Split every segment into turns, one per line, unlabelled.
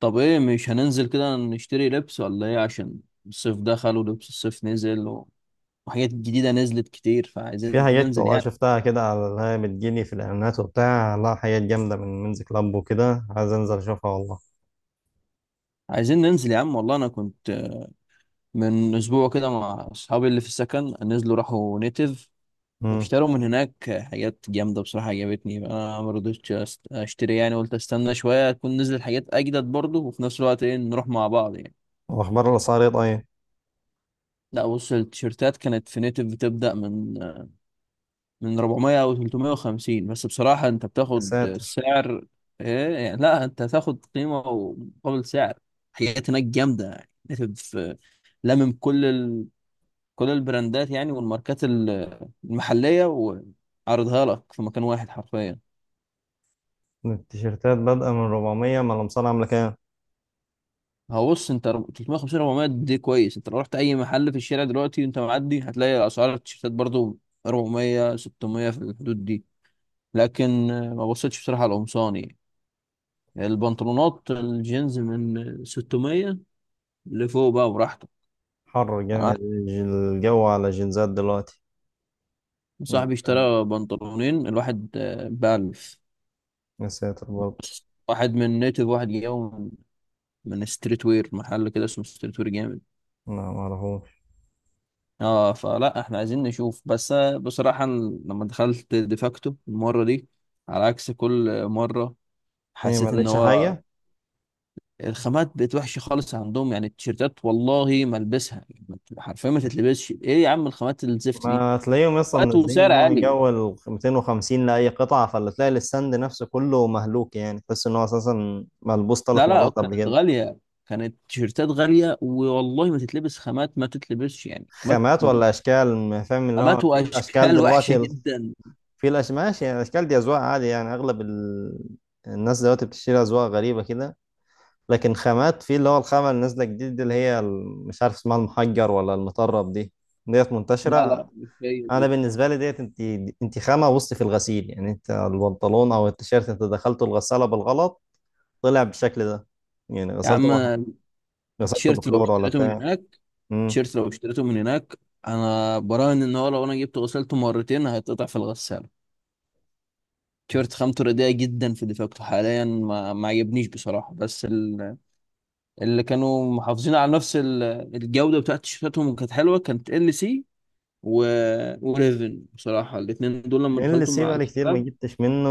طب ايه مش هننزل كده نشتري لبس ولا ايه؟ عشان الصيف دخل ولبس الصيف نزل وحاجات جديدة نزلت كتير، فعايزين
في حاجات
ننزل
والله
يعني.
شفتها كده على اللي هي بتجيلي في الإعلانات وبتاع، لا حاجات جامدة من منز كلاب وكده، عايز أنزل أشوفها والله.
عايزين ننزل يا عم والله. انا كنت من اسبوع كده مع اصحابي اللي في السكن، نزلوا راحوا نيتيف
امم
اشتروا من هناك حاجات جامدة بصراحة. عجبتني، انا ما رضيتش اشتري يعني. قلت استنى شوية تكون نزل حاجات اجدد برضه، وفي نفس الوقت ايه نروح مع بعض يعني.
وأخبار الأسعار إيه طيب؟
لا بص، التيشيرتات كانت في نيتيف بتبدأ من 400 او 350، بس بصراحة انت
يا
بتاخد
ساتر،
سعر ايه يعني؟ لا انت هتاخد قيمة ومقابل سعر. حاجات هناك جامدة يعني نتف- في- لمم كل كل البراندات يعني، والماركات المحلية، وعرضها لك في مكان واحد حرفيا.
التيشيرتات بادئة من 400؟ ما الأمصار عاملة كام؟
هو بص انت 350 400 دي كويس. انت لو رحت اي محل في الشارع دلوقتي وانت معدي هتلاقي اسعار التيشيرتات برضو 400 600 في الحدود دي. لكن ما بصيتش بصراحة على القمصان يعني. البنطلونات الجينز من 600 لفوق، بقى براحتك.
حر
يعني
جامد
واحد
الجو على الجينزات دلوقتي،
صاحبي
يعني فاهم.
اشترى بنطلونين الواحد ب 1000،
يا ساتر برضه.
واحد من نيتف، واحد جاي من ستريت وير، محل كده اسمه ستريت وير جامد.
لا معرفوش.
اه، فلا احنا عايزين نشوف بس. بصراحة أنا لما دخلت ديفاكتو المرة دي، على عكس كل مرة،
إيه ما
حسيت ان
لقيتش
هو
حاجة؟
الخامات بقت وحشة خالص عندهم. يعني التيشيرتات والله ما البسها حرفيا، ما تتلبسش. ايه يا عم الخامات الزفت دي؟
ما تلاقيهم اصلا
وقت
منزلين ان
وسعر
هو من
عالي.
جو ال 250 لاي قطعه، فاللي تلاقي الستاند نفسه كله مهلوك، يعني تحس ان هو اساسا ملبوس
لا
ثلاث
لا
مرات قبل
كانت
كده.
غالية. كانت تيشيرتات غالية والله، ما تتلبس خامات، ما تتلبسش يعني خامات.
خامات ولا اشكال؟ ما فاهم اللي هو
خامات
في الاشكال
وأشكال وحشة
دلوقتي
جدا.
ماشي، يعني الاشكال دي اذواق، عادي يعني الناس دلوقتي بتشتري اذواق غريبه كده. لكن خامات، في اللي هو الخامه اللي نازله جديد دي، اللي هي مش عارف اسمها، المحجر ولا المطرب دي، ديت
لا لا
منتشره.
مش هي
انا
دي.
بالنسبه لي ديت انت خامه وسط في الغسيل، يعني انت البنطلون او التيشيرت انت دخلته الغساله بالغلط، طلع بالشكل ده، يعني
يا عم
غسلته
التيشيرت لو
بكلور ولا
اشتريته من
بتاع.
هناك
امم
التيشيرت لو اشتريته من هناك. أنا براهن إن هو لو أنا جبته غسلته مرتين هيتقطع في الغسالة. تيشيرت خامته رديئة جدا في دفاكته حاليا، ما عجبنيش بصراحة. بس اللي كانوا محافظين على نفس الجودة بتاعت تيشيرتاتهم وكانت حلوة، كانت ال سي و... وريفن. بصراحة الاتنين دول لما
ال
دخلتهم
سي
مع
بقالي كتير ما
الشباب
جبتش منه،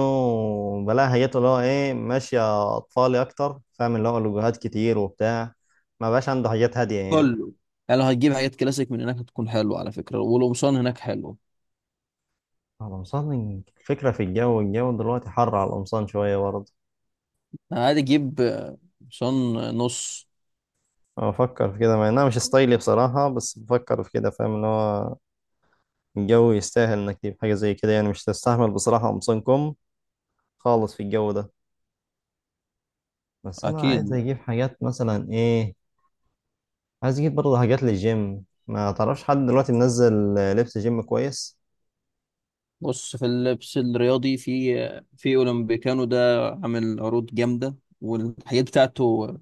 بلاها، جت اللي هو ايه، ماشية اطفالي اكتر، فاهم اللي هو لوجوهات كتير وبتاع، ما بقاش عنده حاجات هادية يعني.
كله. يعني لو هتجيب حاجات كلاسيك من هناك هتكون حلوة على فكرة، والقمصان هناك حلو.
القمصان الفكرة في الجو دلوقتي حر على القمصان شوية برضه.
يعني عادي، جيب قمصان نص.
أنا بفكر في كده مع انها مش ستايلي بصراحة، بس بفكر في كده، فاهم اللي هو الجو يستاهل انك تجيب حاجة زي كده، يعني مش تستحمل بصراحة قمصان كم خالص في الجو ده. بس انا عايز
أكيد.
اجيب حاجات مثلا ايه، عايز اجيب برضه حاجات للجيم. ما تعرفش حد دلوقتي منزل لبس جيم كويس؟
بص، في اللبس الرياضي، في أولمبيكانو ده عامل عروض جامدة، والحاجات بتاعته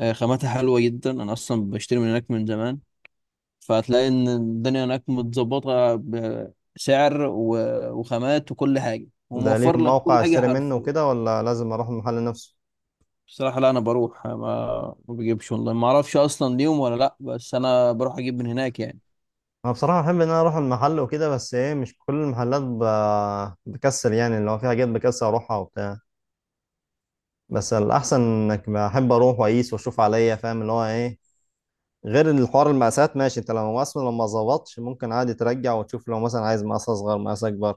خاماتها حلوة جدا. أنا أصلا بشتري من هناك من زمان، فهتلاقي إن الدنيا هناك متظبطة، بسعر وخامات وكل حاجة،
ده
وموفر
ليهم
لك كل
موقع
حاجة
اشتري منه
حرفيا.
وكده، ولا لازم اروح المحل نفسه؟
بصراحة لا، أنا بروح، ما بجيبش أونلاين، ما أعرفش أصلا ليهم ولا لأ، بس أنا بروح أجيب من هناك يعني.
انا بصراحه بحب ان انا اروح المحل وكده، بس ايه مش كل المحلات بكسل، يعني اللي هو في حاجات بكسل اروحها وبتاع. بس الاحسن انك، بحب اروح واقيس واشوف عليا، فاهم اللي هو ايه، غير الحوار المقاسات. ماشي، انت لو اصلا لو ما ظبطش ممكن عادي ترجع وتشوف، لو مثلا عايز مقاس اصغر مقاس اكبر.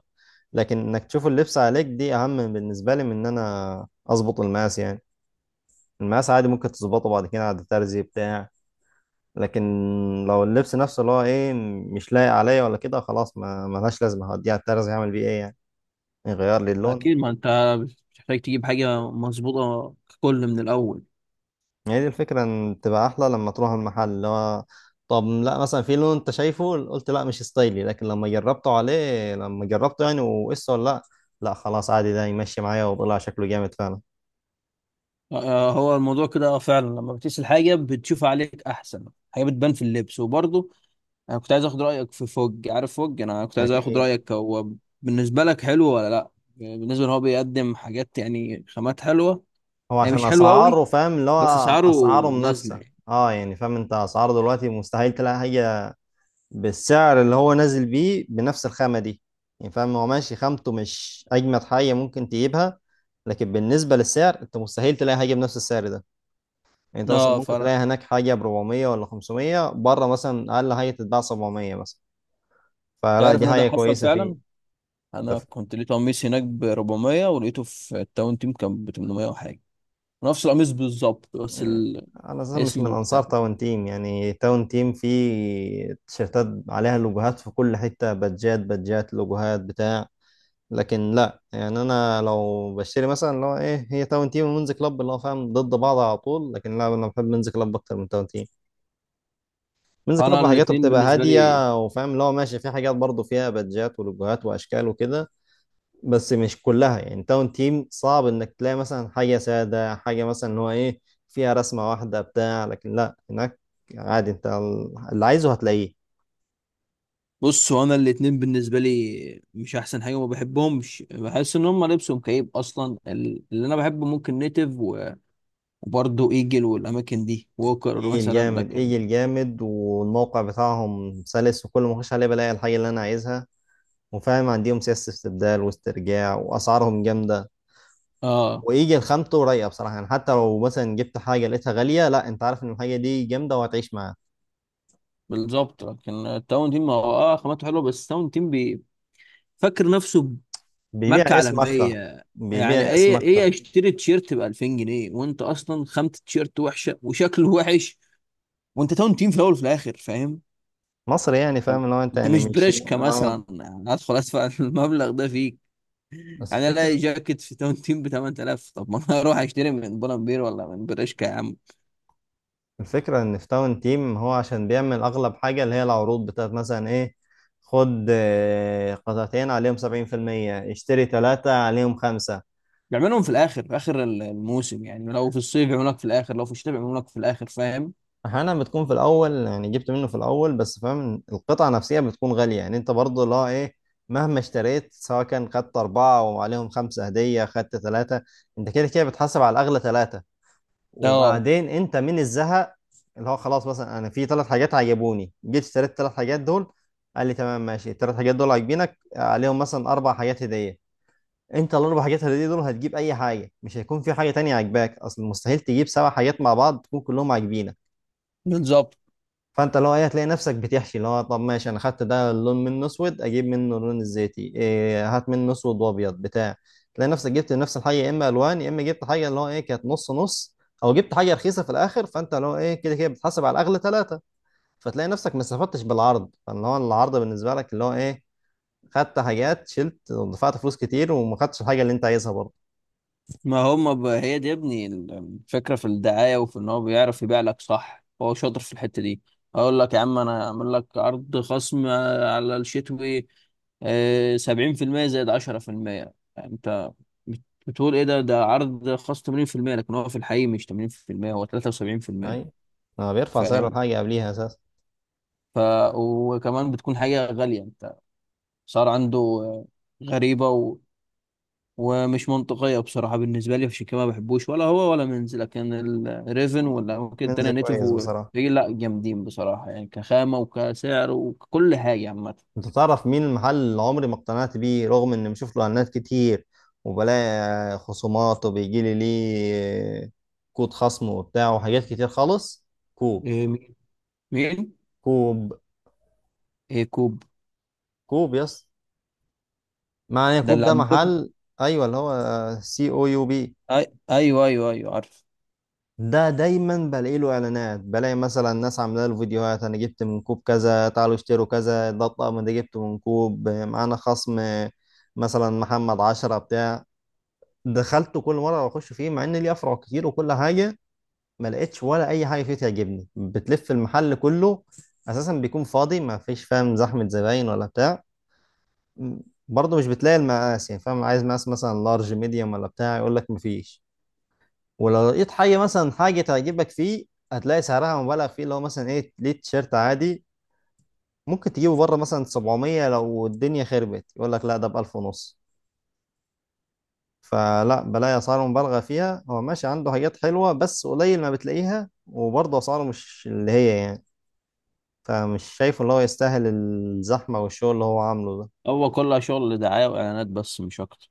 لكن انك تشوف اللبس عليك دي اهم بالنسبه لي من ان انا اظبط المقاس، يعني المقاس عادي ممكن تظبطه بعد كده عند ترزي بتاع. لكن لو اللبس نفسه اللي هو ايه مش لايق عليا ولا كده، خلاص ما ملهاش لازمه، هوديها الترز يعمل بيه ايه يعني؟ يغير لي اللون؟
أكيد، ما أنت بتحتاج تجيب حاجة مظبوطة ككل من الأول.
هي دي الفكره، ان تبقى احلى لما تروح المحل اللي هو، طب لا مثلا في لون انت شايفه قلت لا مش ستايلي، لكن لما جربته، يعني وقصه ولا لا، لا خلاص عادي ده يمشي معايا وطلع شكله جامد فعلا.
آه، هو الموضوع كده. فعلا لما بتقيس الحاجة بتشوف عليك أحسن حاجة، بتبان في اللبس. وبرضه أنا كنت عايز آخد رأيك في فوج. عارف فوج؟ أنا كنت عايز آخد
اكيد.
رأيك، هو بالنسبة لك حلو ولا لأ؟ بالنسبة إن هو بيقدم حاجات، يعني خامات حلوة.
هو
هي
عشان
مش حلوة أوي،
اسعاره فاهم اللي
بس
هو،
أسعاره
اسعاره
نازلة
منافسه.
يعني.
اه يعني فاهم، انت اسعاره دلوقتي مستحيل تلاقي حاجه بالسعر اللي هو نازل بيه بنفس الخامة دي. يعني فاهم، هو ماشي خامته مش أجمد حاجة ممكن تجيبها، لكن بالنسبة للسعر أنت مستحيل تلاقي حاجة بنفس السعر ده. يعني أنت مثلا
أه
ممكن تلاقي
فرق.
هناك حاجة ب 400 ولا 500، بره مثلا أقل حاجة تتباع 700 مثلا. فلا
تعرف
دي
إن ده
حاجة
حصل
كويسة فيه.
فعلا؟
ده
انا
ف...
كنت لقيت قميص هناك ب 400، ولقيته في التاون تيم كان ب 800 وحاجه. نفس القميص بالظبط بس الاسم
أنا أساسا مش من أنصار
مختلف.
تاون تيم، يعني تاون تيم فيه تيشيرتات عليها لوجوهات في كل حتة، بادجات بادجات لوجوهات بتاع. لكن لا يعني انا لو بشتري مثلا اللي هو ايه، هي تاون تيم ومنز كلاب اللي هو فاهم ضد بعض على طول، لكن لا انا بحب منز كلاب اكتر من تاون تيم. منز
انا
كلاب حاجاته
الاتنين
بتبقى
بالنسبه لي.
هاديه، وفاهم اللي هو ماشي في حاجات برضه فيها بادجات ولوجوهات واشكال وكده، بس مش كلها. يعني تاون تيم صعب انك تلاقي مثلا حاجه ساده، حاجه مثلا اللي هو ايه فيها رسمه واحده بتاع. لكن لا هناك عادي، انت اللي عايزه هتلاقيه.
بص، هو انا الاتنين بالنسبه لي مش احسن حاجه، وما بحبهمش. بحس ان هم لبسهم كئيب اصلا. اللي انا بحبه ممكن نيتف وبرضه ايجل والاماكن دي، ووكر
ايه
مثلا.
الجامد
لكن
ايه الجامد والموقع بتاعهم سلس، وكل ما اخش عليه بلاقي الحاجه اللي انا عايزها، وفاهم عندهم سياسة استبدال واسترجاع، وأسعارهم جامدة،
اه،
ويجي الخامته رايقة بصراحة، يعني حتى لو مثلا جبت حاجة لقيتها غالية، لا أنت عارف إن الحاجة دي جامدة وهتعيش معاها.
بالظبط. لكن التاون تيم هو اه خامته حلوه، بس التاون تيم فاكر نفسه
بيبيع
ماركة
اسم أكتر.
عالمية. يعني
بيبيع اسم
ايه
أكتر.
اشتري تيشيرت ب 2000 جنيه وانت اصلا خامة التيشيرت وحشة وشكله وحش؟ وانت تاون تيم في الاول وفي الاخر، فاهم؟
مصر يعني
انت
فاهم، لو أنت
أنت
يعني
مش
مش
بريشكا
آه
مثلا هدخل ادفع المبلغ ده فيك.
بس
يعني
الفكرة،
الاقي جاكيت في تاون تيم ب 8000، طب ما انا اروح اشتري من بولمبير ولا من بريشكا يا عم.
الفكرة إن في تاون تيم، هو عشان بيعمل أغلب حاجة اللي هي العروض بتاعت مثلا إيه، خد قطعتين عليهم سبعين في المية، اشتري تلاتة عليهم خمسة.
يعملهم في الاخر، في اخر الموسم، يعني لو في الصيف يعملوا لك في الاخر، لو في الشتاء يعملوا لك في الاخر، فاهم.
احيانا بتكون في الاول، يعني جبت منه في الاول، بس فاهم القطعه نفسها بتكون غاليه، يعني انت برضه لا ايه، مهما اشتريت، سواء كان خدت اربعه وعليهم خمسه هديه، خدت ثلاثه، انت كده كده بتحاسب على الاغلى ثلاثه.
اه
وبعدين انت من الزهق اللي هو خلاص، مثلا انا في ثلاث حاجات عجبوني، جيت اشتريت الثلاث حاجات دول، قال لي تمام ماشي الثلاث حاجات دول عاجبينك عليهم مثلا اربع حاجات هديه، انت الاربع حاجات هديه دول هتجيب اي حاجه، مش هيكون في حاجه تانية عاجباك، اصل مستحيل تجيب سبع حاجات مع بعض تكون كلهم عاجبينك.
بالظبط.
فانت لو ايه هتلاقي نفسك بتحشي، اللي هو طب ماشي انا خدت ده اللون منه اسود، اجيب منه اللون الزيتي، إيه هات منه اسود وابيض بتاع، تلاقي نفسك جبت نفس الحاجه يا اما الوان، يا اما جبت حاجه اللي هو ايه كانت نص نص، او جبت حاجه رخيصه في الاخر، فانت اللي هو ايه كده كده بتحاسب على الاغلى ثلاثه. فتلاقي نفسك ما استفدتش بالعرض، فاللي هو العرض بالنسبه لك اللي هو ايه، خدت حاجات شلت ودفعت فلوس كتير، وما خدتش الحاجه اللي انت عايزها برضه.
ما هم هي دي يا ابني الفكرة، في الدعاية، وفي ان هو بيعرف يبيع لك صح. هو شاطر في الحتة دي. اقول لك يا عم، انا اعمل لك عرض خصم على الشتوي سبعين في المية زائد عشرة في المية، انت بتقول ايه ده عرض خاص تمانين في المية، لكن هو في الحقيقة مش تمانين في المية، هو تلاتة وسبعين في المية.
اي، ما بيرفع سعر
فاهم.
الحاجه قبليها اساسا.
ف وكمان بتكون حاجة غالية، انت صار عنده غريبة ومش منطقية بصراحة بالنسبة لي. عشان كده ما بحبوش، ولا هو ولا منز. لكن الريفن، ولا ممكن
منز
التانية نيتف
كويس بصراحه.
إيه، لا جامدين بصراحة يعني، كخامة وكسعر وكل حاجة عامة.
انت تعرف مين المحل اللي عمري ما اقتنعت بيه، رغم اني بشوف له اعلانات كتير، وبلاقي خصومات، وبيجي لي ليه كود خصم وبتاع وحاجات كتير خالص؟ كوب.
إيه، مين؟ مين؟
كوب.
إيه كوب
كوب يس. معنى إيه
ده
كوب؟
اللي
ده
عندكم؟
محل، ايوه اللي هو سي او يو بي.
أيوه أيوه أيوه عارف.
ده دايما بلاقي له اعلانات، بلاقي مثلا ناس عامله له فيديوهات، انا جبت من كوب كذا، تعالوا اشتروا كذا، ده الطقم ده جبته من كوب، معانا خصم مثلا محمد عشرة بتاع. دخلته كل مره بخش فيه، مع ان ليه افرع كتير وكل حاجه، ما لقيتش ولا اي حاجه فيه تعجبني، بتلف المحل كله اساسا، بيكون فاضي ما فيش فاهم زحمه زباين ولا بتاع. برضه مش بتلاقي المقاس، يعني فاهم عايز مقاس مثلا لارج ميديوم ولا بتاع يقول لك مفيش. ولو لقيت حاجه مثلا حاجه تعجبك فيه، هتلاقي سعرها مبالغ فيه، اللي هو مثلا ايه، ليه تيشيرت عادي ممكن تجيبه بره مثلا 700، لو الدنيا خربت يقول لك لا ده ب 1000 ونص. فلا بلاقي اسعار مبالغه فيها، هو ماشي عنده حاجات حلوه بس قليل ما بتلاقيها، وبرضه اسعاره مش اللي هي يعني. فمش شايفه اللي هو يستاهل الزحمه والشغل اللي هو عامله ده.
هو كلها شغل دعاية وإعلانات بس، مش أكتر.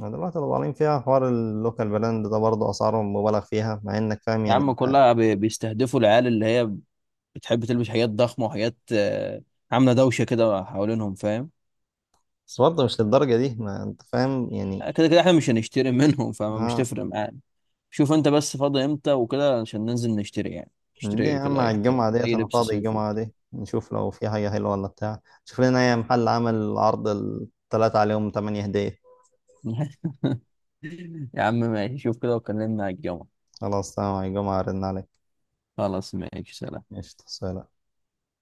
أنا دلوقتي لو طالعين فيها حوار اللوكال براند، ده برضه اسعاره مبالغ فيها، مع انك فاهم
يا
يعني
عم
انت،
كلها بيستهدفوا العيال اللي هي بتحب تلبس حاجات ضخمة وحاجات عاملة دوشة كده حوالينهم، فاهم.
بس برضه مش للدرجه دي، ما انت فاهم يعني.
كده كده احنا مش هنشتري منهم، فمش
اه.
تفرق معانا. شوف انت بس فاضي امتى وكده، عشان ننزل نشتري يعني.
دي يا
نشتري
عم
كده اي
على
حاجه،
الجمعه ديت،
اي
انا
لبس
فاضي
صيفي.
الجمعه دي، نشوف لو في حاجه حلوه ولا بتاع. شوف لنا اي محل عمل عرض الثلاثه عليهم 8 هديه.
يا عم ماشي، شوف كده وكلمنا على الجمعة.
خلاص تمام، على الجمعه ارن عليك.
خلاص ماشي، سلام.
ماشي سلام.